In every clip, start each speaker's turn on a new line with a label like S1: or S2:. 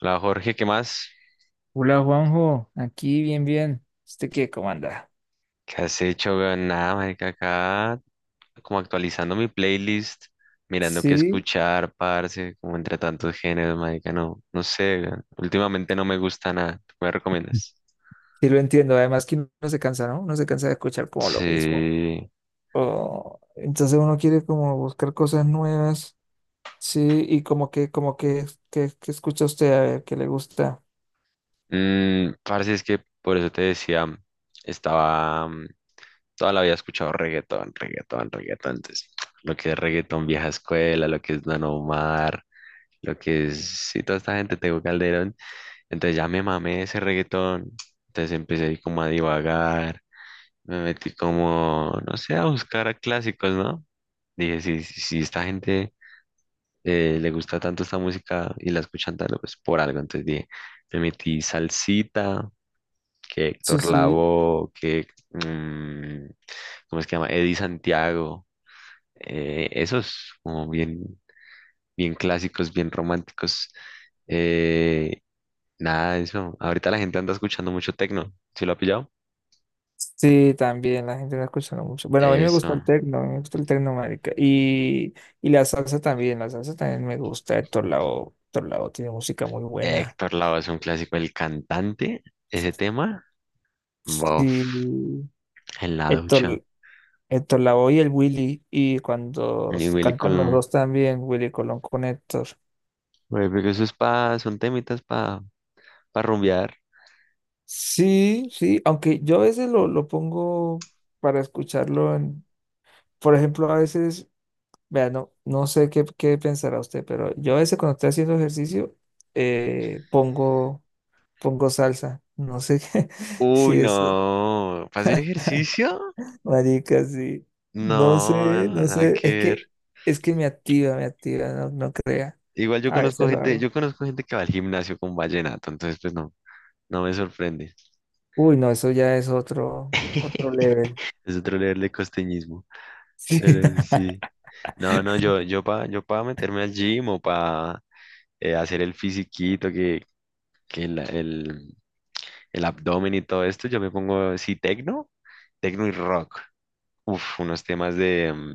S1: Hola Jorge, ¿qué más?
S2: Hola Juanjo, aquí bien, bien. ¿Usted qué, cómo anda?
S1: ¿Qué has hecho? Weón? Nada, marica, acá como actualizando mi playlist, mirando qué
S2: Sí,
S1: escuchar, parce, como entre tantos géneros, marica, no, no sé, weón. Últimamente no me gusta nada, ¿tú me recomiendas?
S2: sí lo entiendo. Además que uno se cansa, ¿no? Uno se cansa de escuchar como lo mismo.
S1: Sí,
S2: Entonces uno quiere como buscar cosas nuevas. Sí, y que escucha usted a ver qué le gusta.
S1: parce, es que por eso te decía, estaba, toda la vida he escuchado reggaetón, reggaetón, reggaetón, entonces, lo que es reggaetón vieja escuela, lo que es Don Omar, lo que es, sí, toda esta gente, Tego Calderón. Entonces ya me mamé ese reggaetón. Entonces empecé ahí como a divagar. Me metí como, no sé, a buscar clásicos, ¿no? Dije, si esta gente le gusta tanto esta música y la escuchan tanto, pues por algo. Entonces dije, me metí salsita, que
S2: Sí,
S1: Héctor
S2: sí.
S1: Lavoe, que, ¿cómo es que se llama? Eddie Santiago. Esos como bien, bien clásicos, bien románticos. eh, Nada de eso. Ahorita la gente anda escuchando mucho tecno. ¿Sí lo ha pillado?
S2: Sí, también la gente no escucha mucho. Bueno, a mí me gusta
S1: Eso.
S2: el tecno, a mí me gusta el tecno, marica. Y la salsa también me gusta. Héctor Lavoe, Héctor Lavoe tiene música muy buena.
S1: Héctor Lavoe es un clásico. El cantante, ese tema, bof,
S2: Sí.
S1: en la ducha.
S2: Héctor, Héctor Lavoe y el Willy, y cuando
S1: Y Willy
S2: cantan los
S1: Colón.
S2: dos también, Willy Colón con Héctor.
S1: Güey, porque eso es pa, son temitas para pa rumbear.
S2: Sí, sí, aunque yo a veces lo pongo para escucharlo en, por ejemplo, a veces, vea, no, sé qué pensará usted, pero yo a veces cuando estoy haciendo ejercicio, eh, pongo, pongo salsa, no sé qué,
S1: Uy,
S2: si es,
S1: no. ¿Para hacer ejercicio?
S2: marica, sí, no
S1: No,
S2: sé, no
S1: nada
S2: sé,
S1: que
S2: es
S1: ver.
S2: que, es que me activa, no, no crea,
S1: Igual yo
S2: a
S1: conozco
S2: veces lo
S1: gente,
S2: hago.
S1: yo conozco gente que va al gimnasio con vallenato, entonces pues no, no me sorprende.
S2: Uy, no, eso ya es otro, otro level.
S1: Es otro leerle costeñismo. Pero sí. No, no, yo para yo pa meterme al gym o para hacer el fisiquito, que el, el abdomen y todo esto, yo me pongo, sí, tecno, tecno y rock. Uf, unos temas de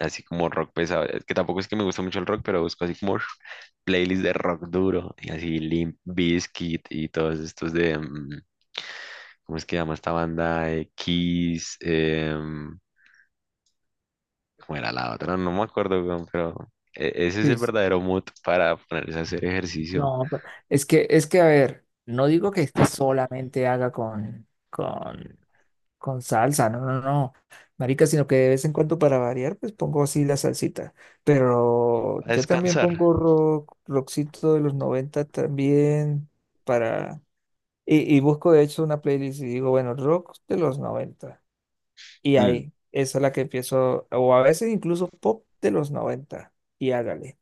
S1: así como rock pesado. Es que tampoco es que me gusta mucho el rock, pero busco así como playlist de rock duro y así Limp Bizkit y todos estos de, ¿cómo es que llama esta banda? Kiss, ¿cómo era la otra? No me acuerdo, weón, pero ese es el
S2: Sí, sí, sí.
S1: verdadero mood para ponerse a hacer ejercicio.
S2: No, a ver, no digo que es que solamente haga con salsa, no, no, no, marica, sino que de vez en cuando para variar, pues pongo así la salsita. Pero
S1: A
S2: yo también
S1: descansar.
S2: pongo rock, rockcito de los 90 también para, y busco de hecho una playlist y digo, bueno, rock de los noventa. Y
S1: Mm.
S2: ahí, esa es la que empiezo, o a veces incluso pop de los 90 y hágale.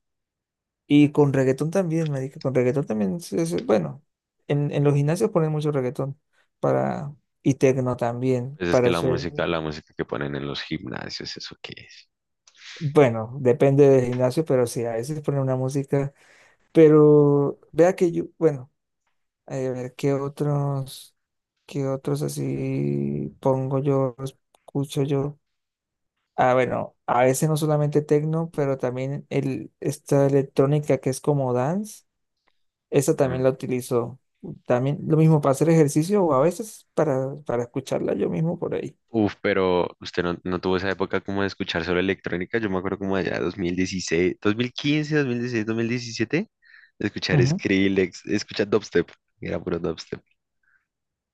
S2: Y con reggaetón también, me dije, con reggaetón también, bueno, en los gimnasios ponen mucho reggaetón para, y tecno también,
S1: Pues es
S2: para
S1: que la
S2: hacer,
S1: música, la música que ponen en los gimnasios, ¿eso qué es?
S2: bueno, depende del gimnasio, pero sí, a veces ponen una música, pero vea que yo, bueno, a ver, ¿qué otros así pongo yo, escucho yo? Ah, bueno, a veces no solamente techno, pero también esta electrónica que es como dance, esa también
S1: Mm.
S2: la utilizo. También lo mismo para hacer ejercicio o a veces para escucharla yo mismo por ahí.
S1: Uf, pero usted no, no tuvo esa época como de escuchar solo electrónica. Yo me acuerdo como allá dos mil dieciséis, quince, dieciséis, 2017, de escuchar
S2: Ujú.
S1: Skrillex, de escuchar dubstep. Era puro dubstep.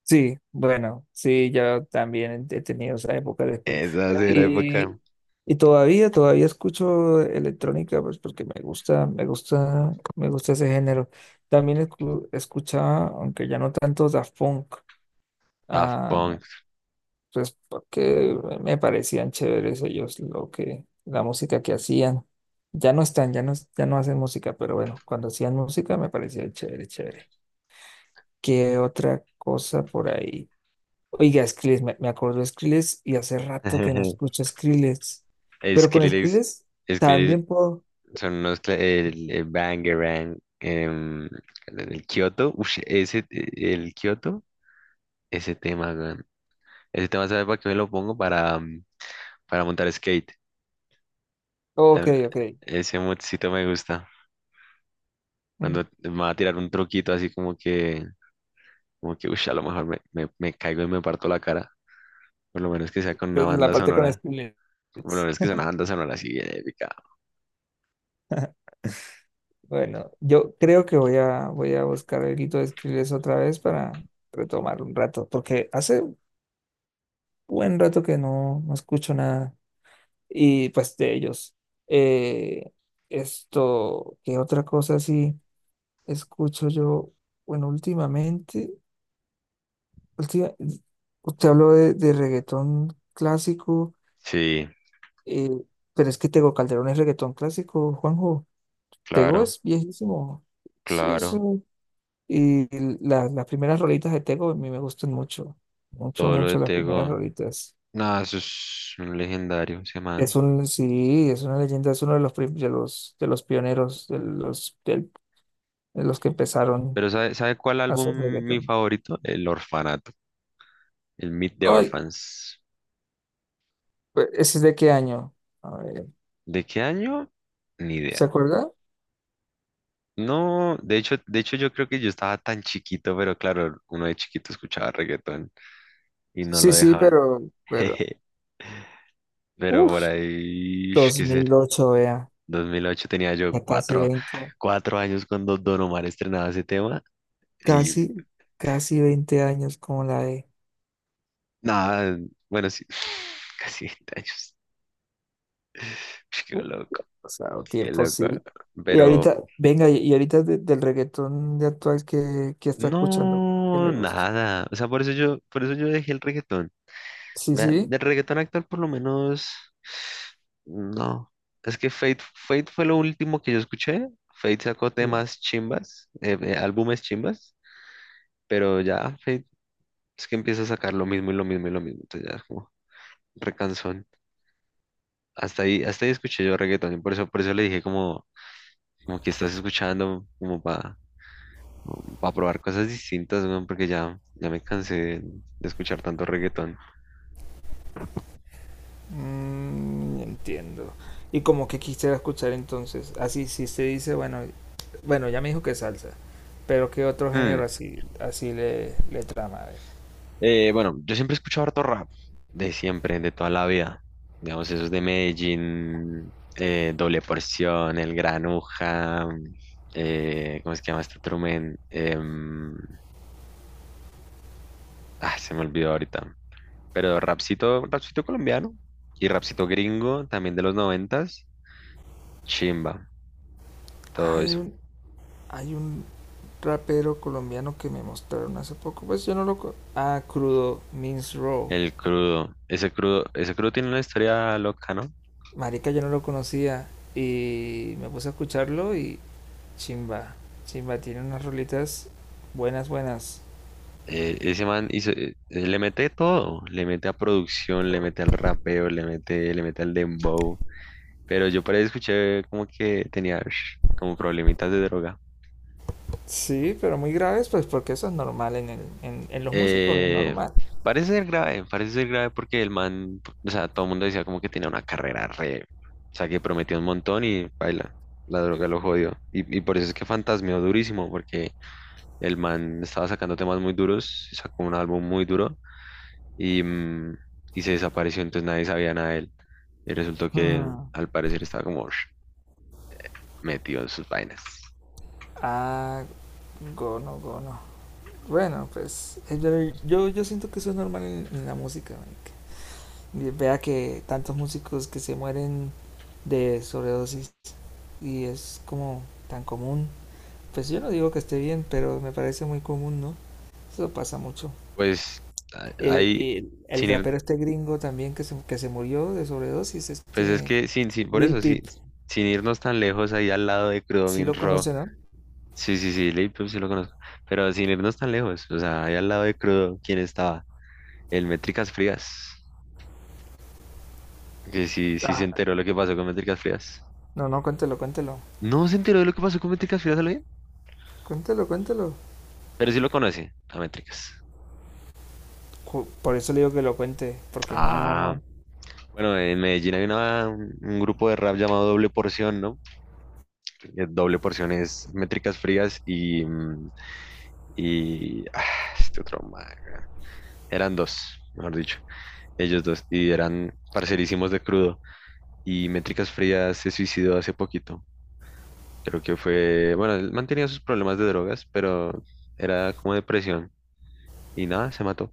S2: Sí, bueno, sí, yo también he tenido esa época de escuela.
S1: Esa
S2: Bueno,
S1: sí era
S2: Y,
S1: época.
S2: y todavía escucho electrónica, pues porque me gusta, me gusta, me gusta ese género. También escuchaba, aunque ya no tanto, Daft Punk.
S1: Daft
S2: ah,
S1: Punk.
S2: pues porque me parecían chéveres ellos lo que, la música que hacían. Ya no están, ya no hacen música, pero bueno, cuando hacían música me parecía chévere, chévere. ¿Qué otra cosa por ahí? Oiga, Skrillex, me acuerdo de Skrillex y hace rato que no escucho Skrillex. Pero con
S1: Skrillex,
S2: Skrillex
S1: Skrillex,
S2: también puedo.
S1: son unos, el Bangarang, el Kyoto, ush, ese, el Kyoto, ese tema, weón. Ese tema, ¿sabes para qué me lo pongo? Para montar skate.
S2: Ok,
S1: Eh,
S2: ok.
S1: Ese moodcito me gusta.
S2: Mm,
S1: Cuando me va a tirar un truquito así como que, ush, a lo mejor me caigo y me parto la cara. Por lo menos que sea con una
S2: Entonces la
S1: banda
S2: parte con
S1: sonora.
S2: Skrillex.
S1: Por lo menos que sea una banda sonora así bien épica.
S2: Bueno, yo creo que voy a buscar el grito de Skrillex otra vez para retomar un rato, porque hace buen rato que no escucho nada. Y pues de ellos. Eh, esto, ¿qué otra cosa así escucho yo? Bueno, últimamente, última- usted habló de reggaetón clásico,
S1: Sí,
S2: eh, pero es que Tego Calderón es reggaetón clásico, Juanjo. Tego
S1: claro,
S2: es viejísimo. Sí, sí.
S1: claro.
S2: Y las primeras rolitas de Tego a mí me gustan mucho. Mucho,
S1: Todo lo de
S2: mucho las primeras
S1: Tego.
S2: rolitas.
S1: Nada, eso es un legendario, ese man.
S2: Sí, es una leyenda, es uno de los pioneros, de los que empezaron
S1: Pero ¿sabe cuál
S2: a
S1: álbum
S2: hacer
S1: mi
S2: reggaetón.
S1: favorito? El Orfanato, el Meet the
S2: Ay,
S1: Orphans.
S2: ¿ese es de qué año? A ver,
S1: ¿De qué año? Ni
S2: ¿se
S1: idea.
S2: acuerda?
S1: No, de hecho yo creo que yo estaba tan chiquito, pero claro, uno de chiquito escuchaba reggaetón y no
S2: Sí,
S1: lo
S2: sí,
S1: dejaban. Pero por
S2: uff,
S1: ahí, ish,
S2: dos
S1: ¿qué ser?
S2: mil ocho vea,
S1: 2008 tenía yo
S2: ya casi
S1: cuatro, cuatro años cuando Don Omar estrenaba ese tema y
S2: casi, veinte años como la de,
S1: nada, bueno, sí, casi 20 años. Ish, qué loco,
S2: o sea,
S1: qué
S2: tiempo, sí.
S1: loco.
S2: Y ahorita,
S1: Pero
S2: venga, y ahorita del reggaetón de actual que está escuchando, que
S1: no,
S2: le gusta.
S1: nada. O sea, por eso yo dejé el reggaetón.
S2: Sí,
S1: Vea,
S2: sí.
S1: del reggaetón actual por lo menos, no. Es que Fate fue lo último que yo escuché. Fate sacó temas chimbas, álbumes chimbas, pero ya Fate es que empieza a sacar lo mismo y lo mismo y lo mismo. Entonces ya es como recansón. Hasta ahí escuché yo reggaetón y por eso le dije como, como que estás escuchando como para probar cosas distintas, weón, porque ya me cansé de escuchar tanto reggaetón.
S2: Entiendo. ¿Y como que quisiera escuchar entonces? Así, si usted dice, bueno, ya me dijo que salsa, pero ¿qué otro género
S1: Mm,
S2: así le trama? A ver.
S1: bueno, yo siempre he escuchado harto rap, de siempre, de toda la vida. Digamos, esos de Medellín, Doble Porción, El Granuja, ¿cómo es que llama este otro men? Se me olvidó ahorita. Pero rapcito colombiano y rapcito gringo, también de los noventas, chimba, todo
S2: Hay
S1: eso.
S2: un, hay un rapero colombiano que me mostraron hace poco, pues yo no lo. Ah, Crudo Means Raw.
S1: El crudo, ese crudo tiene una historia loca, ¿no?
S2: Marica, yo no lo conocía y me puse a escucharlo y chimba, chimba, tiene unas rolitas buenas, buenas.
S1: Ese man hizo, le mete todo, le mete a producción, le mete al rapeo, le mete al dembow. Pero yo por ahí escuché como que tenía ush, como problemitas de droga.
S2: Sí, pero muy graves, pues porque eso es normal en los músicos, es
S1: Eh,
S2: normal.
S1: parece ser grave porque el man, o sea, todo el mundo decía como que tenía una carrera re, o sea, que prometió un montón y baila, la droga lo jodió. Y por eso es que fantasmeó durísimo, porque el man estaba sacando temas muy duros, sacó un álbum muy duro y, mm, y se desapareció, entonces nadie sabía nada de él. Y resultó que
S2: Hmm.
S1: al parecer estaba como metido en sus vainas.
S2: Ah, gono, gono. Bueno, pues pero yo siento que eso es normal en la música, marica. Vea que tantos músicos que se mueren de sobredosis y es como tan común. Pues yo no digo que esté bien, pero me parece muy común, ¿no? Eso pasa mucho.
S1: Pues a-
S2: El,
S1: ahí,
S2: el, el
S1: sin ir,
S2: rapero este gringo también que se murió de sobredosis,
S1: pues es
S2: este
S1: que sin, sin, por
S2: Lil
S1: eso, sí,
S2: Peep.
S1: sin irnos tan lejos, ahí al lado de Crudo
S2: Sí
S1: Min
S2: lo
S1: Ro.
S2: conoce, ¿no?
S1: Sí, sí, sí, Lil Peep sí lo conozco. Pero sin irnos tan lejos, o sea, ahí al lado de Crudo, ¿quién estaba? El Métricas Frías. Que sí, sí se
S2: Ah,
S1: enteró lo que pasó con Métricas Frías.
S2: no, no, cuéntelo, cuéntelo.
S1: No se enteró de lo que pasó con Métricas Frías, ¿lo bien?
S2: Cuéntelo, cuéntelo.
S1: Pero sí lo conoce, a Métricas.
S2: Por eso le digo que lo cuente, porque no, no,
S1: Ah.
S2: no.
S1: Bueno, en Medellín hay un grupo de rap llamado Doble Porción, ¿no? Doble Porción es Métricas Frías y este otro man, weón. Eran dos, mejor dicho, ellos dos, y eran parcerísimos de Crudo. Y Métricas Frías se suicidó hace poquito. Creo que fue, bueno, él mantenía sus problemas de drogas, pero era como depresión. Y nada, se mató.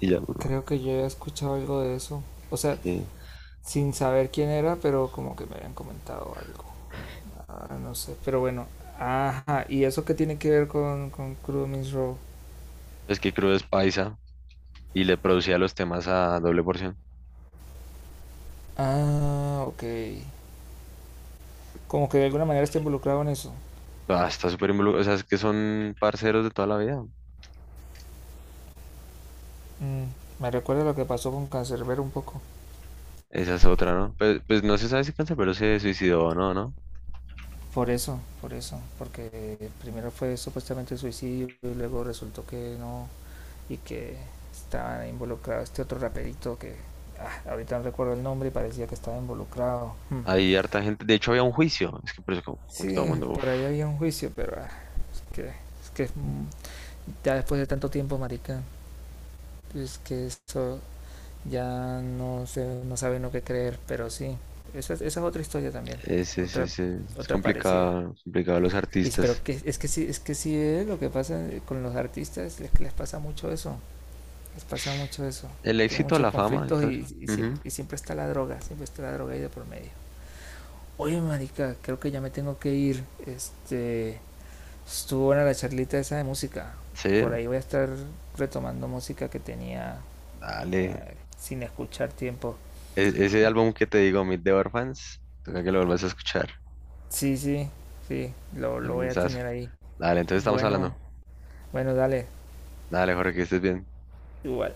S1: Y ya,
S2: Creo que yo he escuchado algo de eso. O sea,
S1: sí.
S2: sin saber quién era, pero como que me habían comentado algo. Ah, no sé, pero bueno. Ajá, ¿y eso qué tiene que ver con Crudo Means Raw?
S1: Es que Crudo es paisa y le producía los temas a Doble Porción.
S2: Ah, ok. Como que de alguna manera está involucrado en eso.
S1: Ah, está súper involucrado. O sea, es que son parceros de toda la vida.
S2: Mm, me recuerda lo que pasó con Cancerbero un poco.
S1: Esa es otra, ¿no? Pues no se sabe si Canserbero se suicidó o no, ¿no?
S2: Por eso, porque primero fue supuestamente suicidio y luego resultó que no y que estaba involucrado este otro raperito que ahorita no recuerdo el nombre y parecía que estaba involucrado. Hmm.
S1: Hay harta gente. De hecho, había un juicio. Es que por eso, como que todo el
S2: Sí,
S1: mundo. Uf,
S2: por ahí había un juicio, pero es que ya después de tanto tiempo, marica, es que eso ya no se no sabe no qué creer, pero sí, esa es otra historia también,
S1: es, es,
S2: otra
S1: es, es- es
S2: otra parecida.
S1: complicado, complicado los
S2: Pero
S1: artistas.
S2: que, es que sí, es que sí es lo que pasa con los artistas, es que les pasa mucho eso, les pasa mucho eso.
S1: El
S2: Tienen
S1: éxito,
S2: muchos
S1: la fama,
S2: conflictos
S1: entonces.
S2: y, y siempre,
S1: Ujú,
S2: y siempre está la droga, siempre está la droga ahí de por medio. Oye, marica, creo que ya me tengo que ir. Este, estuvo buena la charlita esa de música.
S1: sí,
S2: Por ahí voy a estar retomando música que tenía
S1: dale.
S2: sin escuchar tiempo.
S1: Ese álbum que te digo, Meet the Orphans, toca que lo vuelvas a escuchar.
S2: Sí, sí, sí, lo voy a
S1: Albumazo.
S2: tener ahí.
S1: Dale, entonces estamos hablando.
S2: Bueno, bueno, dale,
S1: Dale, Jorge, que estés bien.
S2: igual.